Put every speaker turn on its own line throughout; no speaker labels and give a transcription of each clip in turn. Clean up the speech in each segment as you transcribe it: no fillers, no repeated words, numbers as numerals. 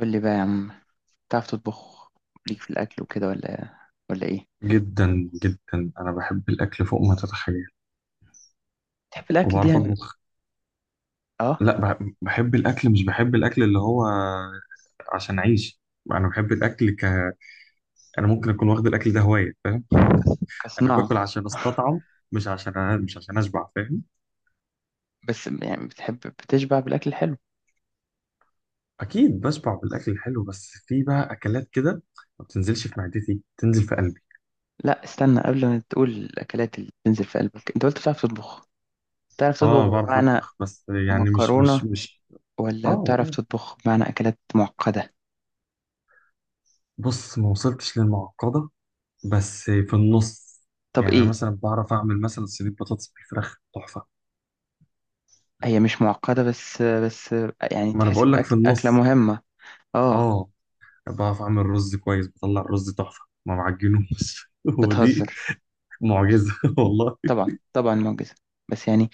قول لي بقى يا عم، تعرف تطبخ ليك في الأكل وكده ولا إيه؟
جدا جدا، انا بحب الاكل فوق ما تتخيل.
تحب الأكل دي
وبعرف
يعني.
اطبخ.
آه.
لا، بحب الاكل، مش بحب الاكل اللي هو عشان اعيش. انا بحب الاكل ك. انا ممكن اكون واخد الاكل ده هوايه، فاهم. انا
كصناعة.
باكل عشان استطعم، مش عشان اشبع، فاهم.
بس يعني، بتحب بتشبع بالأكل الحلو.
اكيد بشبع بالاكل الحلو، بس في بقى اكلات كده ما بتنزلش في معدتي، تنزل في قلبي.
لا، استنى قبل ما تقول الأكلات اللي بتنزل في قلبك، أنت قلت بتعرف تطبخ. بتعرف
اه،
تطبخ
بعرف
بمعنى
اطبخ، بس يعني مش
مكرونة،
مش مش اه،
ولا بتعرف
اه.
تطبخ بمعنى أكلات معقدة؟
بص، ما وصلتش للمعقده، بس في النص.
طب
يعني انا
إيه؟
مثلا بعرف اعمل مثلا صينيه بطاطس بالفراخ تحفه.
هي مش معقدة، بس يعني
ما انا
تحسب
بقول لك في
أكل أكلة
النص.
مهمة. آه.
اه، بعرف اعمل رز كويس، بطلع الرز تحفه ما بعجنوش. ودي
بتهزر.
معجزه والله.
طبعا طبعا معجزة. بس يعني،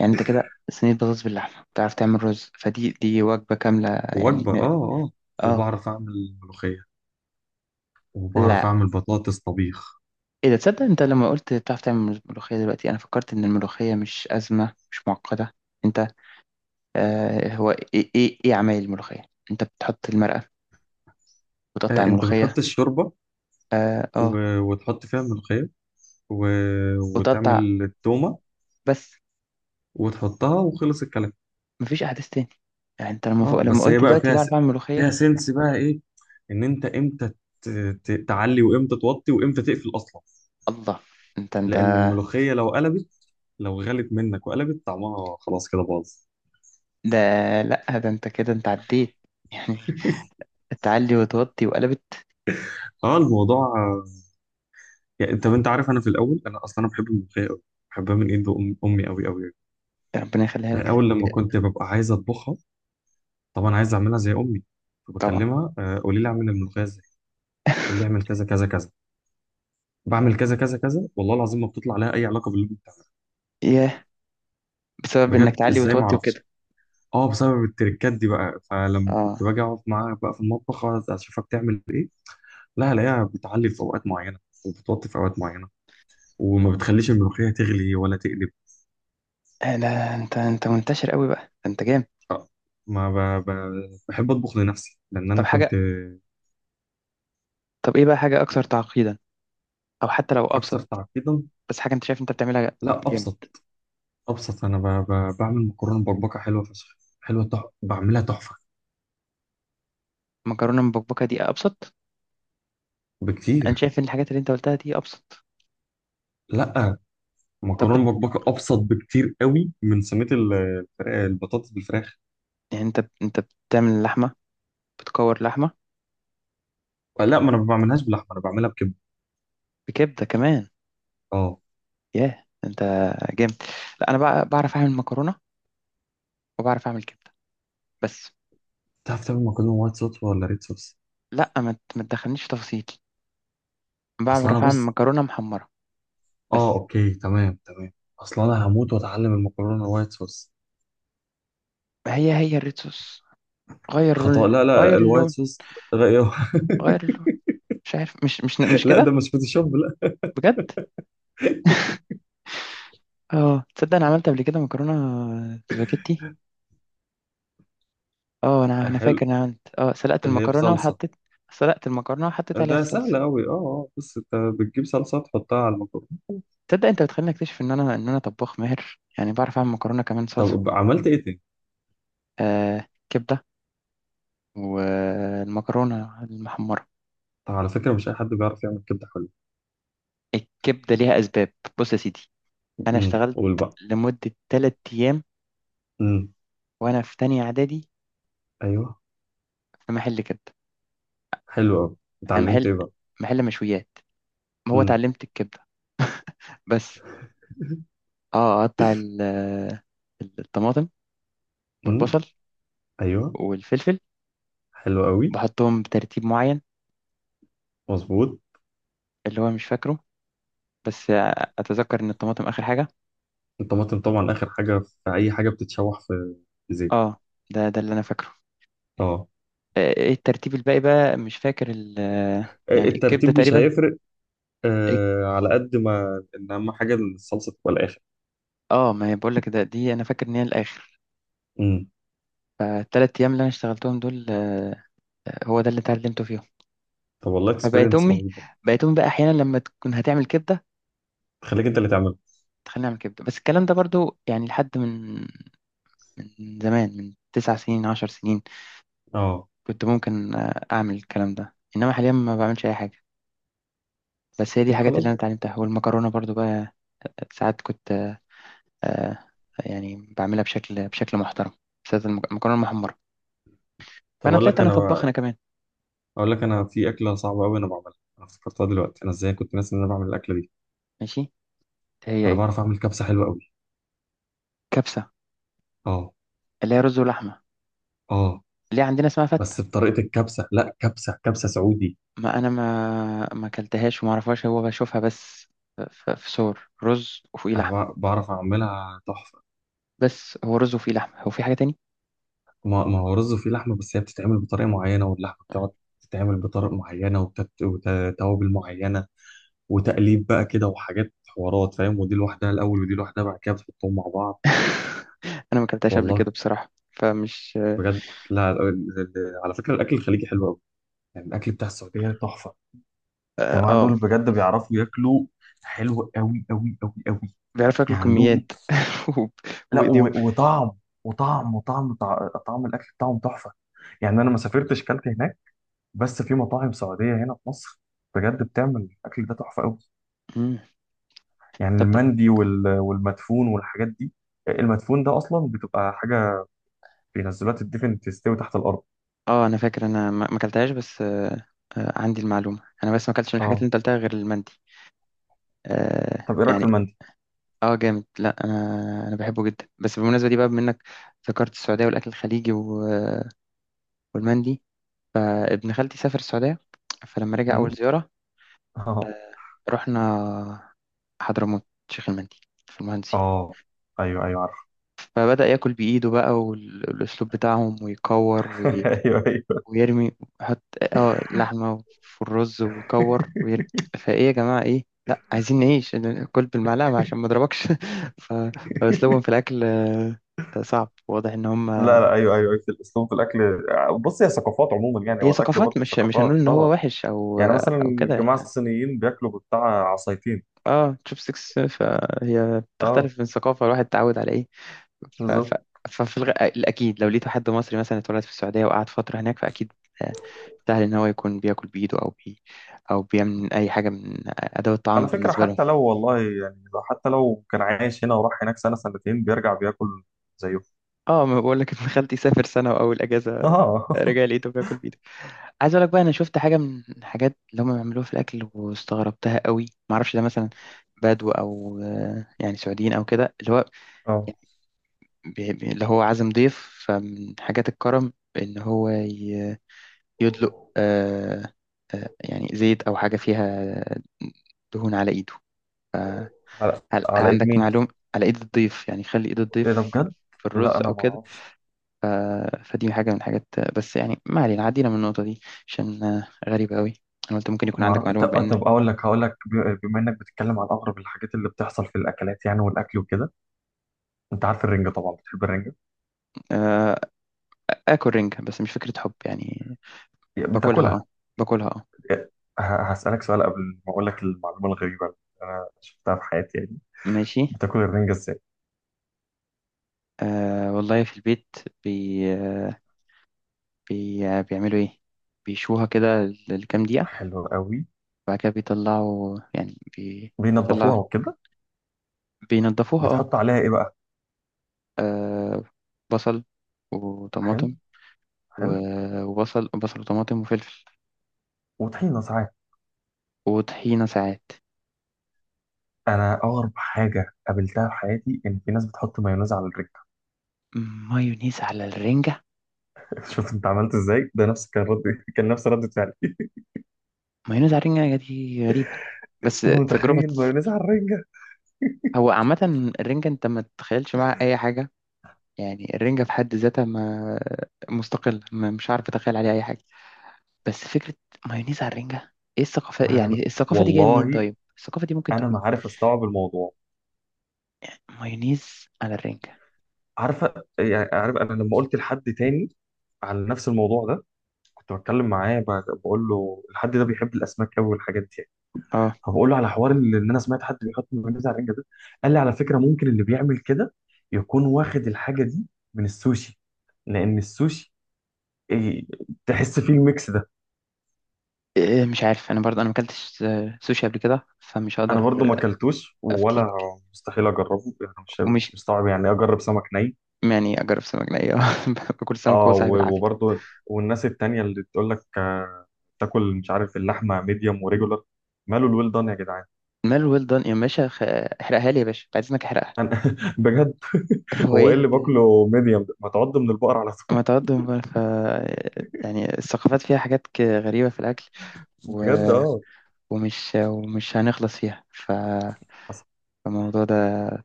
انت كده صينية بطاطس باللحمة، بتعرف تعمل رز، فدي وجبة كاملة. يعني
وجبه،
م-
اه. اه،
اه.
وبعرف اعمل ملوخيه. وبعرف
لا،
اعمل بطاطس طبيخ.
ايه ده؟ تصدق انت لما قلت بتعرف تعمل ملوخية، دلوقتي انا فكرت ان الملوخية مش أزمة، مش معقدة. انت... آه هو ايه ايه عمايل الملوخية؟ انت بتحط المرقة، وتقطع
آه، انت بتحط
الملوخية.
الشوربه،
اه اه.
وتحط فيها الملوخيه. و...
وتقطع،
وتعمل التومه،
بس.
وتحطها، وخلص الكلام.
مفيش احداث تاني؟ يعني انت لما
اه،
فوق،
بس هي
قلت
بقى
دلوقتي بعرف اعمل
فيها
ملوخية.
سنس بقى ايه. ان انت امتى ت... تعلي، وامتى توطي، وامتى تقفل اصلا.
الله! انت.
لان الملوخيه لو قلبت، لو غلت منك وقلبت طعمها خلاص كده باظ.
ده... لا، ده انت كده عديت يعني. تعلي وتوطي وقلبت.
اه، الموضوع. يعني انت عارف، انا في الاول انا اصلا انا بحب الملوخيه قوي. بحبها من ايد امي قوي قوي.
ربنا يخليها
انا
لك.
اول لما كنت ببقى عايز اطبخها، طبعا عايز اعملها زي امي،
طبعا.
فبكلمها. قولي لي اعمل الملوخيه ازاي. تقول لي اعمل كذا كذا كذا، بعمل كذا كذا كذا، والله العظيم ما بتطلع لها اي علاقه باللي أنت بتعمله.
ياه، بسبب انك
بجد،
تعلي
ازاي ما
وتوطي
اعرفش.
وكده.
اه، بسبب التركات دي بقى. فلما كنت
اه.
باجي اقعد معاها بقى في المطبخ، أقعد اشوفها بتعمل ايه. لا، الاقيها بتعلي في اوقات معينه، وبتوطي في اوقات معينه، وما بتخليش الملوخيه تغلي ولا تقلب.
لا انت منتشر قوي بقى، ده انت جامد.
آه، ما ب... ب... بحب اطبخ لنفسي، لان انا
طب
كنت.
حاجه طب ايه بقى حاجه اكثر تعقيدا، او حتى لو
اكثر
ابسط.
تعقيدا؟
بس حاجه انت شايف انت بتعملها.
لا،
جامد.
ابسط. ابسط. انا بعمل مكرونه بربكه حلوه فشخ، حلوه، بعملها تحفه.
مكرونه مبكبكه دي ابسط؟ انا
بكتير.
شايف ان الحاجات اللي انت قلتها دي ابسط.
لا،
طب بت...
مكرونه بربكه ابسط بكتير قوي من صينيه البطاطس بالفراخ.
يعني انت بتعمل لحمه، بتكور لحمه؟
لا، ما انا ما بعملهاش بلحمه، انا بعملها بكبده.
بكبده كمان؟
اه.
ياه انت جامد! لا انا بقى بعرف اعمل مكرونه، وبعرف اعمل كبده بس.
تعرف تعمل مكرونه وايت صوص ولا ريد صوص؟
لا، ما تدخلنيش في تفاصيل،
اصل انا،
بعرف اعمل
بص.
مكرونه محمره
اه،
بس.
اوكي، تمام تمام. اصل انا هموت واتعلم المكرونه الوايت صوص.
هي الريد صوص، غير
خطأ.
اللون.
لا لا،
غير
الوايت
اللون.
صوص. غير.
غير اللون. مش عارف، مش
لا، ده
كده.
مش فوتوشوب، لا.
بجد. اه، تصدق انا عملت قبل كده مكرونه سباجيتي. اه، انا
آه،
انا فاكر
حلو.
انا عملت اه سلقت
اللي هي
المكرونه
بصلصه.
وحطيت. سلقت المكرونه وحطيت عليها
ده
الصلصه.
سهل قوي. اه، اه. بس انت بتجيب صلصه تحطها على المكرونه.
تصدق، انت بتخليني اكتشف ان انا طباخ ماهر، يعني بعرف اعمل مكرونه كمان صلصه.
طب عملت ايه تاني؟
آه، كبده والمكرونه المحمره.
طب على فكره، مش اي حد بيعرف يعمل كبده حلوه.
الكبده ليها اسباب. بص يا سيدي، انا اشتغلت
قول بقى.
لمده 3 ايام
امم.
وانا في تانية اعدادي،
ايوه،
في محل كبده.
حلو قوي.
يعني
اتعلمت
محل،
ايه بقى؟
مشويات. هو
امم.
اتعلمت الكبدة بس. اه اقطع الطماطم
امم.
والبصل
ايوه.
والفلفل،
حلو قوي.
بحطهم بترتيب معين،
مظبوط.
اللي هو مش فاكره، بس اتذكر ان الطماطم اخر حاجة.
الطماطم طبعا اخر حاجه في اي حاجه بتتشوح في في زيت.
اه، ده اللي انا فاكره.
اه.
آه، ايه الترتيب الباقي بقى، مش فاكر ال... يعني الكبدة
الترتيب مش
تقريبا.
هيفرق.
إيه-
آه، على قد ما ان اهم حاجه الصلصه تبقى الاخر.
اه، ما هي بقول لك، ده دي انا فاكر ان هي الاخر.
امم.
فالتلات ايام اللي انا اشتغلتهم دول، هو ده اللي اتعلمته فيهم.
طب والله
فبقيت
اكسبيرينس
امي
رهيبه.
بقيت امي بقى احيانا لما تكون هتعمل كبدة،
تخليك انت اللي تعملها.
خلينا نعمل كبده. بس الكلام ده برضو يعني لحد من زمان، من تسع سنين، عشر سنين.
اه.
كنت ممكن اعمل الكلام ده، انما حاليا ما بعملش اي حاجه. بس هي دي
ما
الحاجات اللي
خلاص
انا
بقى.
اتعلمتها، والمكرونه برضو بقى. ساعات كنت آه، يعني بعملها بشكل محترم، بالذات المكرونه المحمره.
طب
فانا
اقول
طلعت
لك
انا
انا
طباخ انا
بقى،
كمان.
اقول لك، انا في اكله صعبه قوي انا بعملها، انا افتكرتها دلوقتي، انا ازاي كنت ناسي ان انا بعمل الاكله دي.
ماشي، هي
انا
ايه؟
بعرف اعمل كبسه حلوه قوي.
كبسه،
اه.
اللي هي رز ولحمه.
اه،
اللي هي عندنا اسمها فته.
بس بطريقه الكبسه. لا، كبسه كبسه سعودي.
ما انا ما اكلتهاش وما اعرفهاش، هو بشوفها بس. في صور رز وفوقيه
انا
لحمه،
بعرف اعملها تحفه.
بس هو رز وفيه لحمة؟ هو في حاجة تاني؟
ما هو رز فيه لحمة، بس هي بتتعمل بطريقة معينة، واللحمة بتقعد تتعمل بطرق معينة، وتوابل معينة، وتقليب بقى كده وحاجات حوارات، فاهم. ودي لوحدها الأول، ودي لوحدها بعد كده بتحطهم مع بعض.
أنا ما أكلتهاش قبل
والله.
كده بصراحة، فمش...
بجد. لا، على فكرة، الأكل الخليجي حلو أوي. يعني الأكل بتاع السعودية تحفة.
آه
الجماعة
آه،
دول بجد بيعرفوا ياكلوا. حلو أوي أوي أوي أوي.
بيعرفوا ياكلوا
يعني عندهم.
كميات. وب-
لا،
وبإيديهم.
وطعم. طعم الأكل بتاعهم تحفة. يعني أنا ما سافرتش كلت هناك، بس في مطاعم سعودية هنا في مصر بجد بتعمل الأكل ده تحفة أوي.
مم.
يعني
طب...
المندي والمدفون والحاجات دي. المدفون ده أصلا بتبقى حاجة بينزلوها تدفن، تستوي تحت الأرض.
آه أنا فاكر، أنا ما أكلتهاش بس. آه، آه عندي المعلومة أنا، بس ما أكلتش من الحاجات اللي
اه.
أنت قلتها غير المندي. آه
طب إيه رأيك في
يعني...
المندي؟
آه جامد، لا أنا، بحبه جدا. بس بالمناسبة دي بقى منك، ذكرت السعودية والأكل الخليجي والمندي. آه، ابن خالتي سافر السعودية، فلما رجع أول
مم.
زيارة
اه،
رحنا حضرموت شيخ المندي في المهندسين.
اه، أيوه، أيوه، عارف.
فبدأ ياكل بإيده بقى، والأسلوب بتاعهم، ويكور
أيوه، أيوه.
ويرمي. يحط اه اللحمة في الرز ويكور ويرمي. فإيه يا جماعة، إيه لا عايزين نعيش؟ كل بالمعلقة عشان ما اضربكش. ف- فأسلوبهم في الأكل صعب، واضح إن هم...
لا لا، أيوه أيوه أيوه، في الأسلوب في الأكل. بص، هي ثقافات عموما، يعني
هي
هو الأكل
ثقافات،
برضه
مش هنقول
ثقافات،
إن هو
اه.
وحش أو
يعني مثلا
أو كده.
الجماعة
إحنا
الصينيين بياكلوا بتاع عصايتين.
اه تشوب سكس، فهي
اه،
بتختلف من ثقافة الواحد اتعود على إيه. ف... ف...
بالظبط.
ففي الأكيد لو لقيتوا حد مصري مثلا اتولد في السعودية وقعد فترة هناك، فأكيد آه، سهل إن هو يكون بياكل بإيده أو أو بيعمل أي حاجة من أدوات
على
الطعام
فكرة،
بالنسبة لهم.
حتى لو، والله يعني، لو حتى لو كان عايش هنا وراح هناك سنة سنتين، بيرجع بياكل زيهم.
اه ما بقول لك، ابن خالتي سافر سنة وأول أجازة
اه.
رجع لقيته بياكل بإيده. عايز أقول لك بقى، أنا شفت حاجة من الحاجات اللي هم بيعملوها في الأكل واستغربتها قوي. معرفش ده مثلا بدو أو يعني سعوديين أو كده، اللي هو
اه،
اللي هو عازم ضيف. فمن حاجات الكرم إن هو يدلق يعني زيت أو حاجة فيها آه، دهون على إيده، فهل
على على ايد
عندك
مين؟
معلومة؟ على إيد الضيف، يعني خلي إيد
ايه ده
الضيف
بجد؟
في
لا،
الرز
انا
أو
ما
كده.
اعرفش.
ف... فدي حاجة من الحاجات. بس يعني ما علينا، عدينا من النقطة دي عشان غريبة أوي. أنا قلت ممكن يكون
ما
عندك
اعرف.
معلومة
طب
بإن...
طب اقول لك. هقول لك، بما انك بتتكلم عن اغرب الحاجات اللي بتحصل في الاكلات، يعني والاكل وكده، انت عارف الرنجة طبعا. بتحب الرنجة؟
آه، آكل رنجة بس مش فكرة حب يعني. باكلها
بتاكلها؟
أه باكلها أه.
إيه، ه- هسألك سؤال قبل ما اقول لك المعلومة الغريبة اللي انا شفتها في حياتي، يعني
ماشي.
بتاكل الرنجة ازاي؟
والله في البيت بي... آه، بي... آه، بيعملوا إيه، بيشوها كده لكام دقيقة،
حلو قوي.
بعد كده بيطلعوا، يعني
بينضفوها
بيطلع.
وكده.
بينضفوها اه.
بتحط عليها ايه بقى؟
آه، بصل
حلو.
وطماطم.
حلو
وبصل وطماطم وفلفل.
وطحينة ساعات.
وطحينة ساعات.
أنا أغرب حاجة قابلتها في حياتي، إن في ناس بتحط مايونيز على الرنجة.
مايونيز على الرنجة؟
شفت أنت عملت إزاي؟ ده نفس كان رد. كان نفس ردة فعلي.
مايونيز على الرنجة دي غريبة، بس
أنت
تجربة.
متخيل مايونيز على الرنجة؟
هو عامة، الرنجة انت ما تتخيلش معاها أي حاجة. يعني الرنجة في حد ذاتها، ما... مستقلة، ما مش عارف أتخيل عليها أي حاجة. بس فكرة مايونيز على الرنجة، ايه الثقافة؟
ما أنا،
يعني الثقافة دي جاية منين
والله
طيب؟ الثقافة دي ممكن
أنا ما
تكون...
عارف أستوعب الموضوع.
مايونيز على الرنجة.
عارفة، يعني عارف، أنا لما قلت لحد تاني على نفس الموضوع ده، كنت بتكلم معاه، بقول له الحد ده بيحب الأسماك أوي والحاجات دي.
اه
فبقول له على حوار اللي ان انا سمعت حد بيحط مايونيز على الرنجه ده. قال لي على فكره، ممكن اللي بيعمل كده يكون واخد الحاجه دي من السوشي، لان السوشي، إيه، تحس فيه الميكس ده.
إيه، مش عارف انا برضه، ما اكلتش سوشي قبل كده فمش
انا
هقدر
برضو ما اكلتوش، ولا
افتيك.
مستحيل اجربه، يعني مش
ومش
مستوعب يعني إيه اجرب سمك ني.
يعني اجرب سمك ني باكل سمك وهو
اه،
صاحب العافيه.
وبرضو، والناس التانية اللي تقول لك، تاكل، مش عارف، اللحمه ميديوم وريجولار. ماله الويل دان يا جدعان.
مال ويل دون يا باشا، احرقها لي يا باشا، عايز انك احرقها.
انا بجد.
هو
هو
ايه
ايه اللي
اللي-
باكله ميديوم ده؟ ما تعض من البقر على طول.
ما تقدم بقى. يعني الثقافات فيها حاجات غريبه في الاكل. و...
بجد، اه.
ومش هنخلص فيها.
حصل.
فالموضوع ده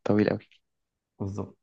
طويل قوي.
بالظبط.